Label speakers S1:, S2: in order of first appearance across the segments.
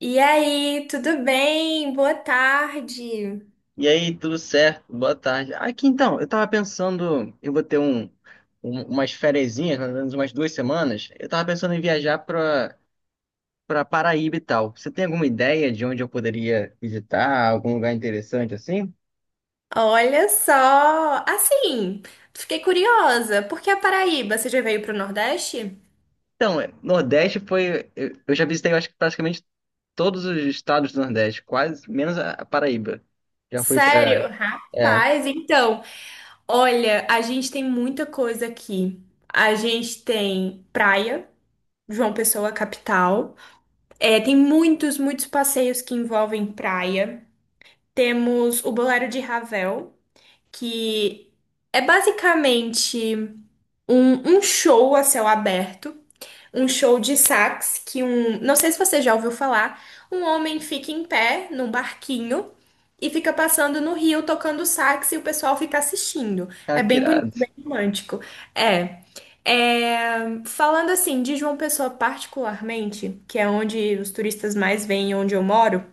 S1: E aí, tudo bem? Boa tarde.
S2: E aí, tudo certo? Boa tarde. Aqui então, eu tava pensando, eu vou ter um, um- umas ferezinhas, mais ou menos umas duas semanas. Eu tava pensando em viajar pra para Paraíba e tal. Você tem alguma ideia de onde eu poderia visitar, algum lugar interessante assim?
S1: Olha só, assim, fiquei curiosa, por que a Paraíba? Você já veio para o Nordeste?
S2: Então, é, Nordeste foi, eu já visitei, eu acho que praticamente todos os estados do Nordeste, quase menos a Paraíba. Já fui pra.
S1: Sério?
S2: É,
S1: Rapaz, então, olha, a gente tem muita coisa aqui. A gente tem praia, João Pessoa, capital. É, tem muitos, muitos passeios que envolvem praia. Temos o Bolero de Ravel, que é basicamente um show a céu aberto, um show de sax que não sei se você já ouviu falar, um homem fica em pé num barquinho e fica passando no rio tocando sax e o pessoal fica assistindo.
S2: cara,
S1: É
S2: que
S1: bem bonito,
S2: irado.
S1: bem romântico. É. É, falando assim de João Pessoa particularmente, que é onde os turistas mais vêm, e onde eu moro,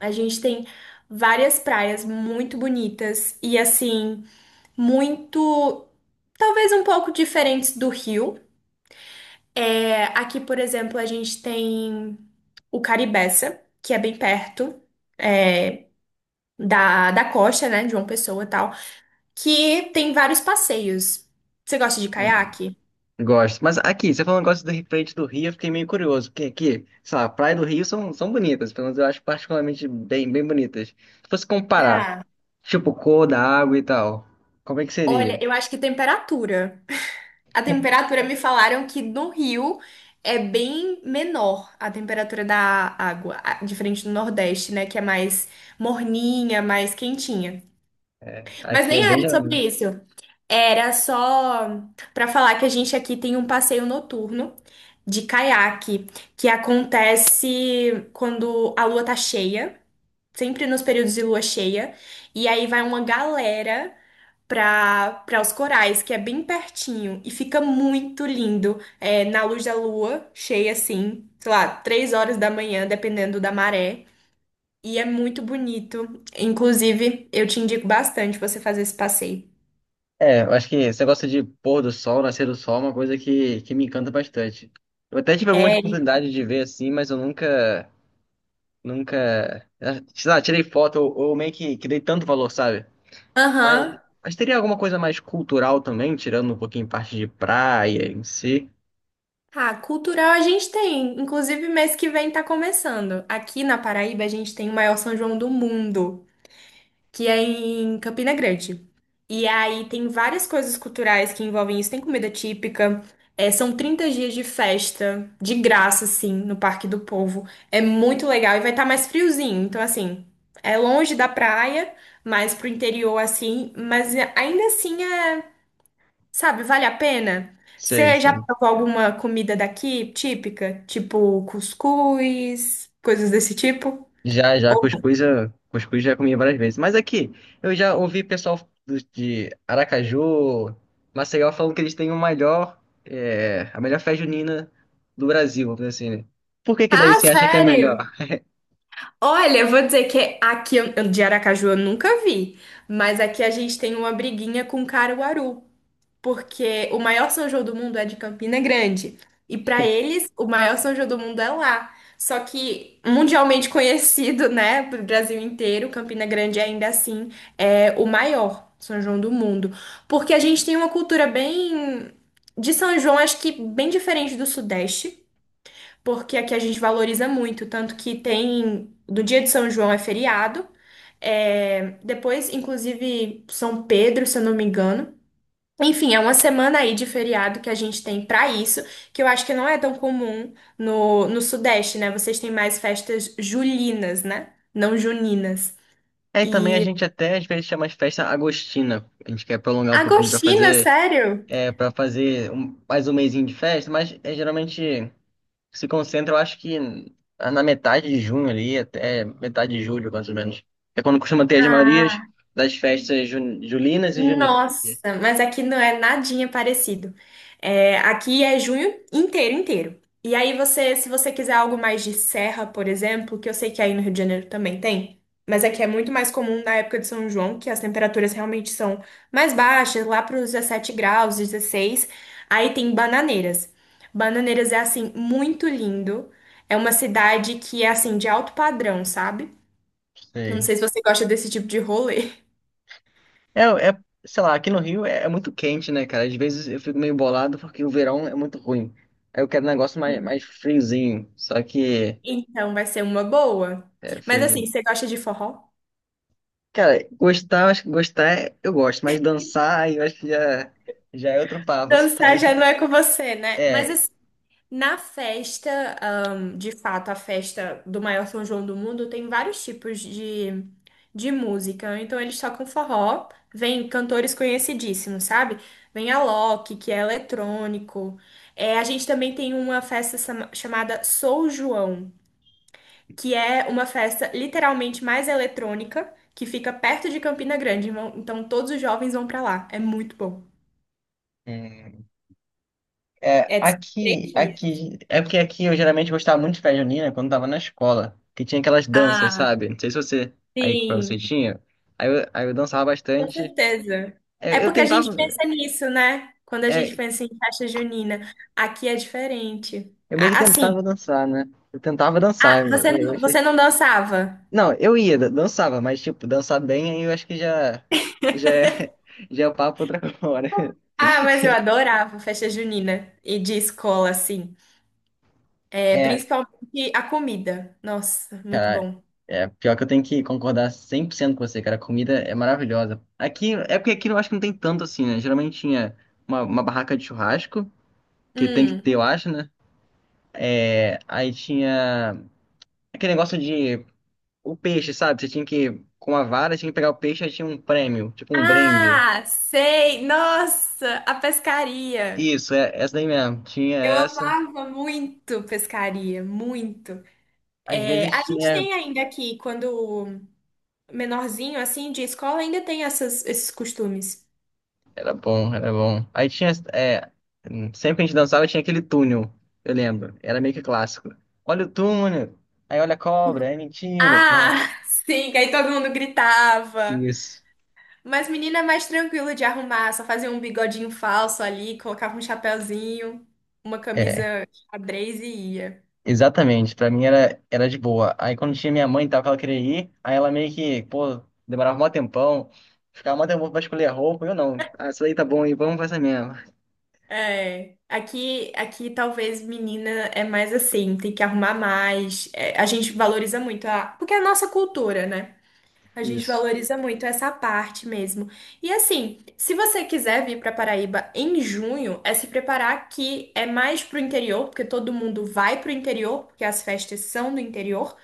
S1: a gente tem várias praias muito bonitas e assim muito, talvez um pouco diferentes do Rio. É, aqui, por exemplo, a gente tem o Caribeça, que é bem perto, é, da costa, né, de João Pessoa e tal, que tem vários passeios. Você gosta de caiaque?
S2: Gosto. Mas aqui, você falou um negócio frente do Rio, eu fiquei meio curioso, porque aqui, sei lá, praia do Rio são bonitas, pelo menos eu acho particularmente bem bonitas. Se fosse comparar,
S1: Ah,
S2: tipo, cor da água e tal, como é que seria?
S1: olha, eu acho que temperatura. A temperatura me falaram que no Rio é bem menor a temperatura da água, diferente do Nordeste, né? Que é mais morninha, mais quentinha. Mas
S2: Aqui é
S1: nem era
S2: bem.
S1: sobre isso. Era só para falar que a gente aqui tem um passeio noturno de caiaque que acontece quando a lua tá cheia, sempre nos períodos de lua cheia, e aí vai uma galera para os corais, que é bem pertinho e fica muito lindo, é, na luz da lua cheia assim, sei lá, 3 horas da manhã, dependendo da maré. E é muito bonito. Inclusive, eu te indico bastante você fazer esse passeio.
S2: É, eu acho que esse negócio de pôr do sol, nascer do sol, é uma coisa que me encanta bastante. Eu até tive algumas
S1: É.
S2: oportunidades de ver assim, mas eu nunca, nunca, sei lá, tirei foto ou meio que dei tanto valor, sabe? Mas,
S1: Aham.
S2: mas teria alguma coisa mais cultural também, tirando um pouquinho parte de praia em si?
S1: Ah, cultural a gente tem. Inclusive, mês que vem tá começando. Aqui na Paraíba, a gente tem o maior São João do mundo, que é em Campina Grande. E aí tem várias coisas culturais que envolvem isso. Tem comida típica. É, são 30 dias de festa, de graça, assim, no Parque do Povo. É muito legal e vai estar mais friozinho. Então, assim, é longe da praia, mais pro interior, assim. Mas ainda assim é. Sabe, vale a pena?
S2: Sei,
S1: Você já
S2: sei.
S1: provou alguma comida daqui típica? Tipo cuscuz, coisas desse tipo? Ou-
S2: Cuscuz, cuscuz já comi várias vezes. Mas aqui, eu já ouvi pessoal de Aracaju, Maceió, falando que eles têm o melhor, é, a melhor festa junina do Brasil, vamos dizer assim, né? Por que daí
S1: Ah,
S2: você acha que é
S1: sério?
S2: melhor?
S1: Olha, eu vou dizer que aqui de Aracaju eu nunca vi, mas aqui a gente tem uma briguinha com Caruaru. Porque o maior São João do mundo é de Campina Grande. E para eles, o maior São João do mundo é lá. Só que mundialmente conhecido, né, pro Brasil inteiro, Campina Grande ainda assim é o maior São João do mundo, porque a gente tem uma cultura bem de São João, acho que bem diferente do Sudeste, porque aqui a gente valoriza muito, tanto que tem do dia de São João é feriado. É, depois, inclusive, São Pedro, se eu não me engano. Enfim, é uma semana aí de feriado que a gente tem pra isso, que eu acho que não é tão comum no, no Sudeste, né? Vocês têm mais festas julinas, né? Não juninas.
S2: É, e também a
S1: E
S2: gente até às vezes chama de festa agostina. A gente quer prolongar um pouquinho para
S1: agostinas,
S2: fazer,
S1: sério?
S2: é, para fazer mais um mesinho de festa, mas é geralmente se concentra, eu acho que na metade de junho ali, até metade de julho, mais ou menos. É quando costuma ter as
S1: Ah,
S2: Marias das festas julinas e juninas.
S1: nossa, mas aqui não é nadinha parecido. É, aqui é junho inteiro, inteiro. E aí você, se você quiser algo mais de serra, por exemplo, que eu sei que aí no Rio de Janeiro também tem, mas aqui é muito mais comum na época de São João, que as temperaturas realmente são mais baixas, lá para os 17 graus, 16. Aí tem Bananeiras. Bananeiras é assim muito lindo. É uma cidade que é assim de alto padrão, sabe? Eu não
S2: Sei.
S1: sei se você gosta desse tipo de rolê.
S2: Sei lá, aqui no Rio é muito quente, né, cara? Às vezes eu fico meio bolado porque o verão é muito ruim. Aí eu quero um negócio mais friozinho, só que
S1: Então vai ser uma boa.
S2: é
S1: Mas
S2: friozinho.
S1: assim, você gosta de forró?
S2: Cara, gostar, eu acho que eu gosto, mas dançar aí eu acho que já, já é outro papo,
S1: Dançar já não
S2: sabe?
S1: é com você, né? Mas
S2: É.
S1: assim, na festa, de fato, a festa do maior São João do mundo tem vários tipos de música. Então eles tocam forró, vem cantores conhecidíssimos, sabe? Vem Alok, que é eletrônico. É, a gente também tem uma festa chamada Sou João, que é uma festa literalmente mais eletrônica, que fica perto de Campina Grande. Então todos os jovens vão pra lá. É muito bom.
S2: é. É,
S1: É de três dias.
S2: é porque aqui eu geralmente gostava muito de festa junina quando tava na escola, que tinha aquelas danças,
S1: Ah,
S2: sabe? Não sei se você, aí pra você
S1: sim,
S2: tinha, aí eu dançava
S1: com
S2: bastante.
S1: certeza. É
S2: É, eu,
S1: porque a gente
S2: tentava,
S1: pensa nisso, né? Quando a gente
S2: é,
S1: pensa em festa junina, aqui é diferente.
S2: eu meio
S1: A-
S2: que
S1: Assim,
S2: tentava dançar, né? Eu tentava
S1: ah,
S2: dançar,
S1: você não dançava?
S2: não, eu ia, dançava, mas tipo, dançar bem aí eu acho que já é, já é papo pra outra hora.
S1: Ah, mas eu adorava festa junina e de escola, assim. É,
S2: É,
S1: principalmente a comida. Nossa, muito
S2: cara,
S1: bom.
S2: é pior que eu tenho que concordar 100% com você, cara. A comida é maravilhosa. Aqui, é porque aqui eu acho que não tem tanto assim, né? Geralmente tinha uma barraca de churrasco, que tem que ter,
S1: Hum.
S2: eu acho, né? É, aí tinha aquele negócio de o peixe, sabe? Você tinha que, com a vara, tinha que pegar o peixe, aí tinha um prêmio, tipo um brinde.
S1: Ah, sei! Nossa, a pescaria.
S2: Isso, é essa daí mesmo. Tinha
S1: Eu
S2: essa.
S1: amava muito pescaria, muito.
S2: Às
S1: É,
S2: vezes
S1: a gente
S2: tinha.
S1: tem ainda aqui, quando menorzinho, assim, de escola, ainda tem esses costumes.
S2: Era bom. Aí tinha, é, sempre que a gente dançava tinha aquele túnel, eu lembro. Era meio que clássico. Olha o túnel, aí olha a cobra, é mentira.
S1: Ah, sim, que aí todo mundo gritava.
S2: Isso.
S1: Mas menina é mais tranquilo de arrumar, só fazia um bigodinho falso ali, colocava um chapéuzinho, uma
S2: É,
S1: camisa xadrez e ia.
S2: exatamente. Pra mim era de boa. Aí quando tinha minha mãe e tal, que ela queria ir, aí ela meio que, pô, demorava mó tempão, ficava mó tempão pra escolher a roupa, eu não. Ah, isso aí tá bom aí, vamos fazer mesmo.
S1: É, aqui, aqui talvez menina é mais assim, tem que arrumar mais. É, a gente valoriza muito a, porque é a nossa cultura, né? A gente
S2: Isso.
S1: valoriza muito essa parte mesmo. E assim, se você quiser vir para Paraíba em junho, é se preparar que é mais pro interior, porque todo mundo vai pro interior, porque as festas são do interior.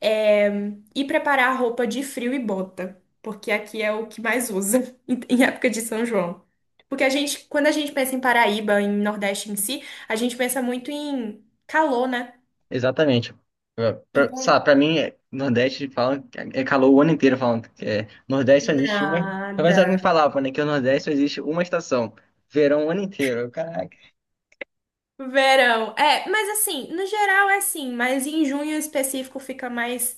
S1: É, e preparar roupa de frio e bota, porque aqui é o que mais usa em época de São João. Porque a gente, quando a gente pensa em Paraíba, em Nordeste em si, a gente pensa muito em calor, né?
S2: Exatamente.
S1: Então,
S2: Sabe, pra mim, Nordeste fala, é calor o ano inteiro falando que é, Nordeste só existe uma. Talvez alguém
S1: nada.
S2: falava, né, que o Nordeste só existe uma estação, verão o ano inteiro. Eu, caraca.
S1: Verão. É, mas assim, no geral é assim, mas em junho em específico fica mais.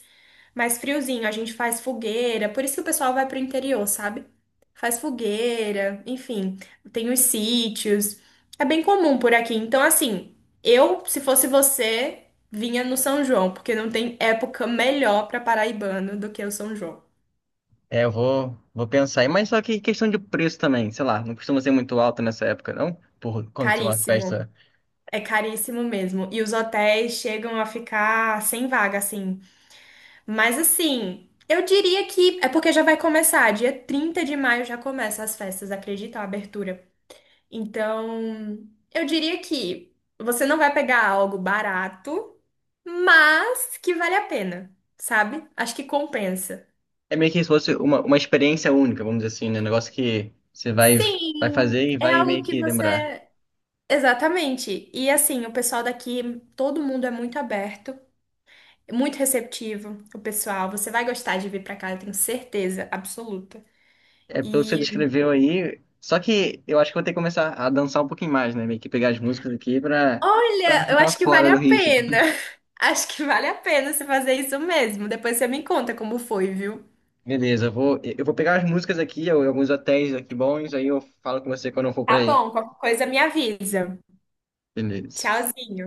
S1: Mais friozinho, a gente faz fogueira, por isso que o pessoal vai pro interior, sabe? Faz fogueira, enfim, tem os sítios. É bem comum por aqui. Então, assim, eu, se fosse você, vinha no São João, porque não tem época melhor pra paraibano do que o São João.
S2: É, vou pensar aí, mas só que questão de preço também, sei lá, não costuma ser muito alto nessa época, não? Por quando tem uma
S1: Caríssimo.
S2: festa.
S1: É caríssimo mesmo. E os hotéis chegam a ficar sem vaga, assim. Mas assim, eu diria que é porque já vai começar. Dia 30 de maio já começa as festas, acredita? A abertura. Então, eu diria que você não vai pegar algo barato, mas que vale a pena, sabe? Acho que compensa.
S2: É meio que se fosse uma experiência única, vamos dizer assim, né? Um negócio que vai
S1: Sim,
S2: fazer e
S1: é
S2: vai meio
S1: algo que
S2: que lembrar.
S1: você. Exatamente. E assim, o pessoal daqui, todo mundo é muito aberto, muito receptivo, o pessoal. Você vai gostar de vir pra cá, eu tenho certeza absoluta.
S2: É pelo que você
S1: E
S2: descreveu aí. Só que eu acho que eu vou ter que começar a dançar um pouquinho mais, né? Meio que pegar as músicas aqui pra não
S1: olha, eu
S2: ficar
S1: acho que vale
S2: fora
S1: a
S2: do ritmo.
S1: pena. Acho que vale a pena você fazer isso mesmo. Depois você me conta como foi, viu?
S2: Beleza, eu vou pegar as músicas aqui, ou alguns hotéis aqui bons, aí eu falo com você quando eu for pra
S1: Tá
S2: aí.
S1: bom, qualquer coisa me avisa.
S2: Beleza.
S1: Tchauzinho.